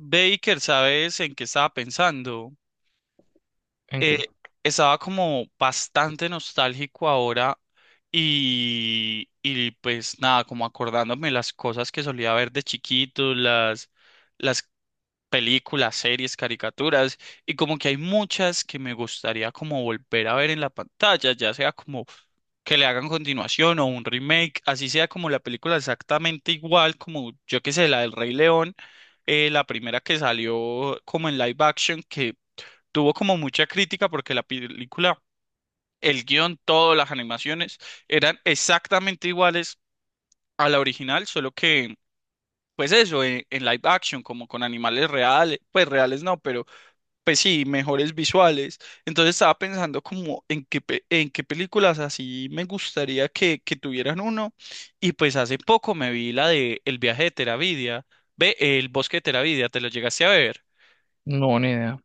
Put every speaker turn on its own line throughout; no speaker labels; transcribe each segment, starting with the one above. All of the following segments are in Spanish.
Baker, ¿sabes en qué estaba pensando?
¿En
Eh,
qué?
Estaba como bastante nostálgico ahora y pues nada, como acordándome las cosas que solía ver de chiquito, las películas, series, caricaturas, y como que hay muchas que me gustaría como volver a ver en la pantalla, ya sea como que le hagan continuación o un remake, así sea como la película exactamente igual, como yo que sé, la del Rey León, la primera que salió como en live action, que tuvo como mucha crítica porque la película, el guión, todas las animaciones eran exactamente iguales a la original, solo que, pues eso, en live action, como con animales reales, pues reales no, pero pues sí, mejores visuales. Entonces estaba pensando como en qué, en qué películas así me gustaría que tuvieran uno. Y pues hace poco me vi la de El viaje de Teravidia, ve, El bosque de Teravidia, ¿te lo llegaste a ver?
No, ni idea.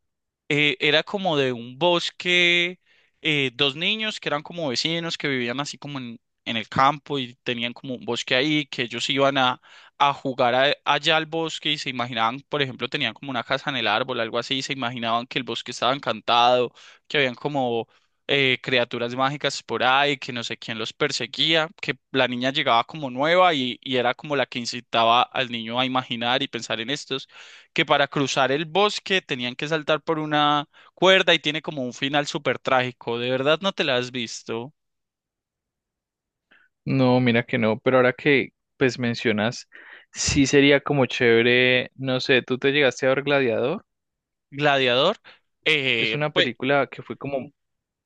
Eh, era como de un bosque, dos niños que eran como vecinos, que vivían así como en el campo y tenían como un bosque ahí, que ellos iban a, allá al bosque y se imaginaban, por ejemplo, tenían como una casa en el árbol, algo así, y se imaginaban que el bosque estaba encantado, que habían como... criaturas mágicas por ahí, que no sé quién los perseguía, que la niña llegaba como nueva y era como la que incitaba al niño a imaginar y pensar en esto que para cruzar el bosque tenían que saltar por una cuerda y tiene como un final súper trágico. ¿De verdad no te la has visto?
No, mira que no. Pero ahora que pues mencionas, sí sería como chévere, no sé, ¿tú te llegaste a ver Gladiador?
Gladiador.
Es
Eh,
una
pues,
película que fue como,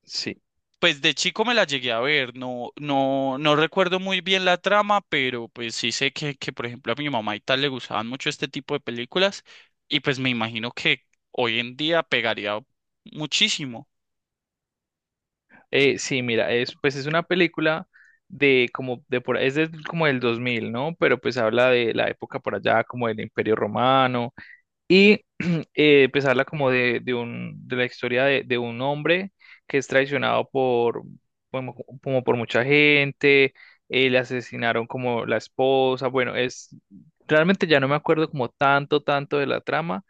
sí,
pues de chico me la llegué a ver, no recuerdo muy bien la trama, pero pues sí sé que, por ejemplo, a mi mamá y tal le gustaban mucho este tipo de películas y pues me imagino que hoy en día pegaría muchísimo.
sí, mira, es pues es una película de como de por es de, como del 2000, ¿no? Pero pues habla de la época por allá como del Imperio Romano. Y pues habla como de, un, de la historia de, un hombre que es traicionado por, bueno, como, como por mucha gente. Le asesinaron como la esposa, bueno, es, realmente ya no me acuerdo como tanto de la trama,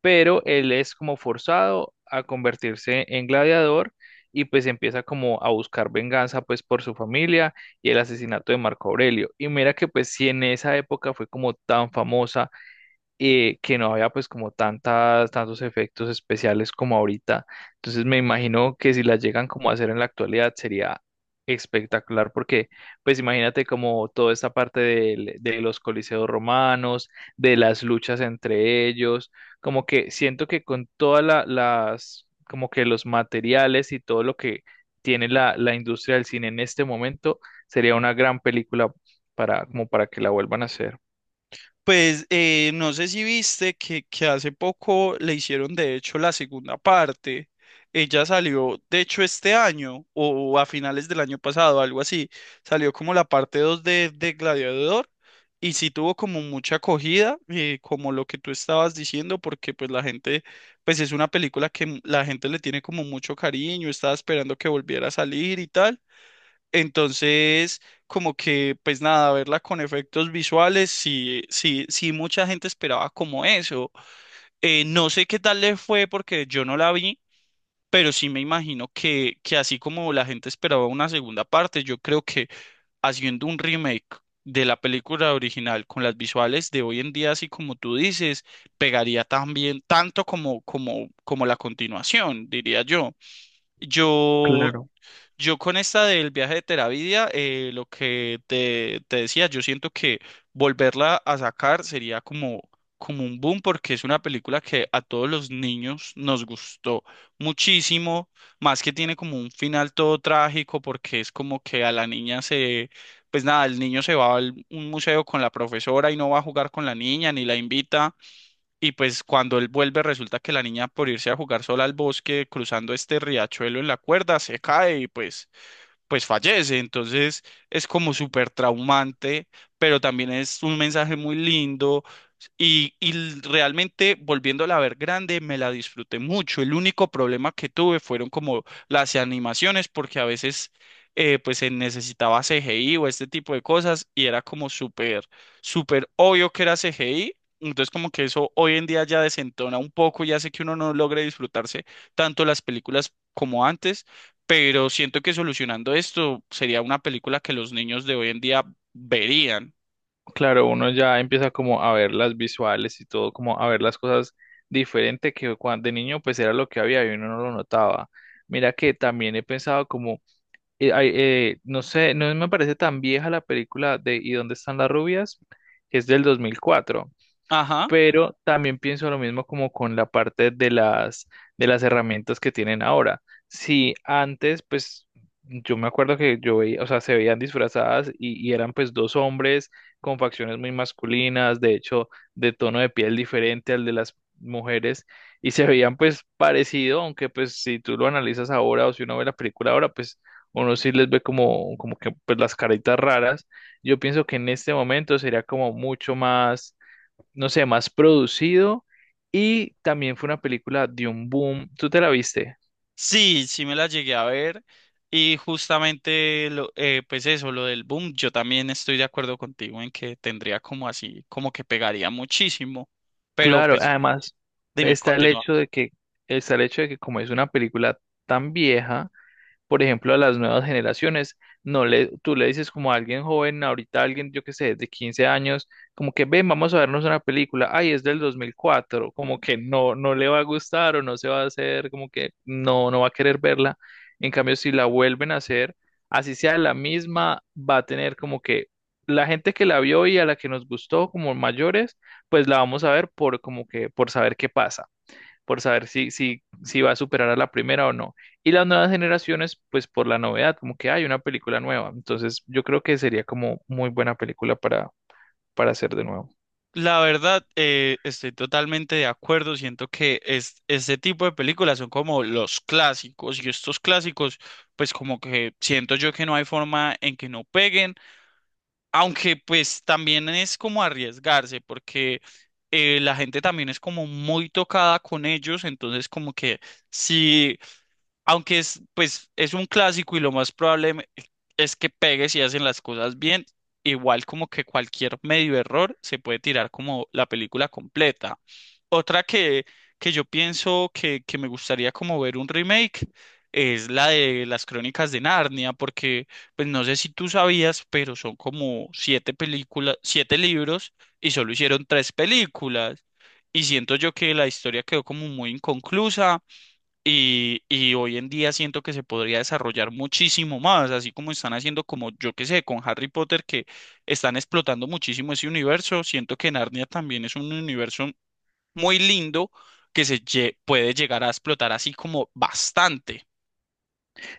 pero él es como forzado a convertirse en gladiador y pues empieza como a buscar venganza pues por su familia y el asesinato de Marco Aurelio. Y mira que pues si en esa época fue como tan famosa, que no había pues como tantas, tantos efectos especiales como ahorita. Entonces me imagino que si las llegan como a hacer en la actualidad sería espectacular, porque pues imagínate como toda esta parte de los coliseos romanos, de las luchas entre ellos, como que siento que con todas las, como que los materiales y todo lo que tiene la industria del cine en este momento, sería una gran película para, como para que la vuelvan a hacer.
Pues no sé si viste que hace poco le hicieron de hecho la segunda parte. Ella salió, de hecho, este año o a finales del año pasado, algo así. Salió como la parte 2 de Gladiador y sí tuvo como mucha acogida, como lo que tú estabas diciendo, porque pues la gente, pues es una película que la gente le tiene como mucho cariño, estaba esperando que volviera a salir y tal. Entonces, como que, pues nada, verla con efectos visuales, sí, sí, sí, mucha gente esperaba como eso. No sé qué tal le fue porque yo no la vi, pero sí me imagino que así como la gente esperaba una segunda parte, yo creo que haciendo un remake de la película original con las visuales de hoy en día, así como tú dices, pegaría también tanto como la continuación, diría yo. Yo
Claro.
yo con esta del viaje de Teravidia, lo que te decía, yo siento que volverla a sacar sería como, como un boom porque es una película que a todos los niños nos gustó muchísimo, más que tiene como un final todo trágico porque es como que a la niña se, pues nada, el niño se va a un museo con la profesora y no va a jugar con la niña ni la invita y pues cuando él vuelve resulta que la niña por irse a jugar sola al bosque cruzando este riachuelo en la cuerda se cae y pues fallece. Entonces es como súper traumante, pero también es un mensaje muy lindo y realmente volviéndola a ver grande, me la disfruté mucho. El único problema que tuve fueron como las animaciones, porque a veces pues se necesitaba CGI o este tipo de cosas y era como súper, súper obvio que era CGI. Entonces como que eso hoy en día ya desentona un poco y hace que uno no logre disfrutarse tanto las películas como antes, pero siento que solucionando esto sería una película que los niños de hoy en día verían.
Claro, uno ya empieza como a ver las visuales y todo, como a ver las cosas diferente que cuando de niño pues era lo que había y uno no lo notaba. Mira que también he pensado como, ay, no sé, no me parece tan vieja la película de ¿Y dónde están las rubias?, que es del 2004,
Ajá.
pero también pienso lo mismo como con la parte de las, herramientas que tienen ahora. Si antes, pues yo me acuerdo que yo veía, o sea, se veían disfrazadas y eran pues dos hombres con facciones muy masculinas, de hecho, de tono de piel diferente al de las mujeres, y se veían pues parecido, aunque pues si tú lo analizas ahora o si uno ve la película ahora, pues uno sí les ve como que pues las caritas raras. Yo pienso que en este momento sería como mucho más, no sé, más producido, y también fue una película de un boom. ¿Tú te la viste?
Sí, sí me la llegué a ver y justamente lo, pues eso, lo del boom, yo también estoy de acuerdo contigo en que tendría como así, como que pegaría muchísimo, pero
Claro,
pues
además
dime,
está el
continúa.
hecho de que está el hecho de que como es una película tan vieja, por ejemplo, a las nuevas generaciones. No le, Tú le dices como a alguien joven, ahorita alguien, yo qué sé, de 15 años, como que ven, vamos a vernos una película, ay, es del 2004, como que no, no le va a gustar o no se va a hacer, como que no, no va a querer verla. En cambio, si la vuelven a hacer, así sea la misma, va a tener como que la gente que la vio y a la que nos gustó como mayores, pues la vamos a ver por como que por saber qué pasa, por saber si va a superar a la primera o no. Y las nuevas generaciones, pues por la novedad, como que hay una película nueva. Entonces, yo creo que sería como muy buena película para hacer de nuevo.
La verdad, estoy totalmente de acuerdo, siento que es, este tipo de películas son como los clásicos y estos clásicos, pues como que siento yo que no hay forma en que no peguen. Aunque pues también es como arriesgarse, porque la gente también es como muy tocada con ellos, entonces como que si, aunque es pues es un clásico y lo más probable es que pegue si hacen las cosas bien, igual como que cualquier medio error se puede tirar como la película completa. Otra que, que yo pienso que me gustaría como ver un remake es la de las Crónicas de Narnia, porque pues no sé si tú sabías, pero son como siete películas, siete libros y solo hicieron tres películas. Y siento yo que la historia quedó como muy inconclusa y hoy en día siento que se podría desarrollar muchísimo más, así como están haciendo como yo que sé, con Harry Potter que están explotando muchísimo ese universo. Siento que Narnia también es un universo muy lindo que puede llegar a explotar así como bastante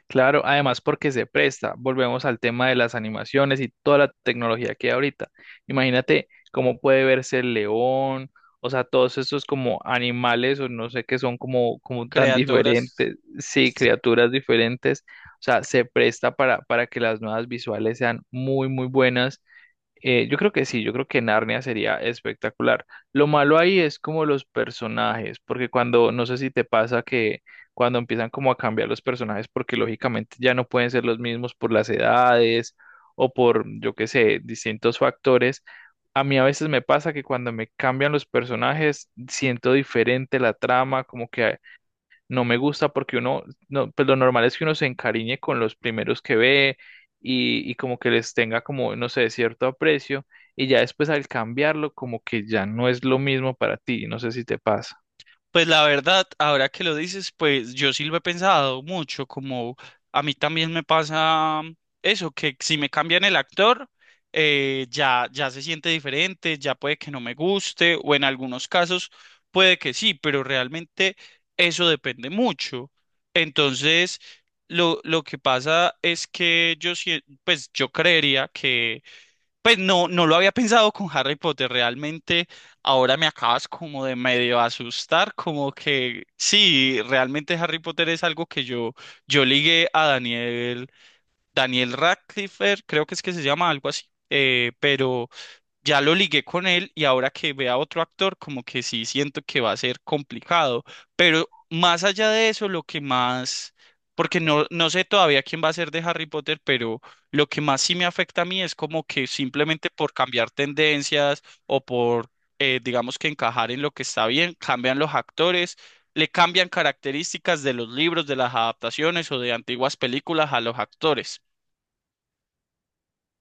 Claro, además porque se presta. Volvemos al tema de las animaciones y toda la tecnología que hay ahorita. Imagínate cómo puede verse el león, o sea, todos estos como animales o no sé qué son como, como tan
creadoras.
diferentes, sí, criaturas diferentes. O sea, se presta para que las nuevas visuales sean muy, muy buenas. Yo creo que sí, yo creo que Narnia sería espectacular. Lo malo ahí es como los personajes, porque cuando, no sé si te pasa que cuando empiezan como a cambiar los personajes, porque lógicamente ya no pueden ser los mismos por las edades o por, yo qué sé, distintos factores. A mí a veces me pasa que cuando me cambian los personajes, siento diferente la trama, como que no me gusta porque uno, no, pues lo normal es que uno se encariñe con los primeros que ve y como que les tenga como, no sé, cierto aprecio, y ya después al cambiarlo como que ya no es lo mismo para ti, no sé si te pasa.
Pues la verdad, ahora que lo dices, pues yo sí lo he pensado mucho, como a mí también me pasa eso, que si me cambian el actor, ya, ya se siente diferente, ya puede que no me guste, o en algunos casos puede que sí, pero realmente eso depende mucho. Entonces, lo que pasa es que yo, pues yo creería que pues no, no lo había pensado con Harry Potter, realmente ahora me acabas como de medio asustar, como que sí, realmente Harry Potter es algo que yo ligué a Daniel, Daniel Radcliffe, creo que es que se llama algo así, pero ya lo ligué con él y ahora que vea otro actor, como que sí siento que va a ser complicado. Pero más allá de eso, lo que más, porque no, no sé todavía quién va a ser de Harry Potter, pero lo que más sí me afecta a mí es como que simplemente por cambiar tendencias o por, digamos que encajar en lo que está bien, cambian los actores. Le cambian características de los libros, de las adaptaciones o de antiguas películas a los actores.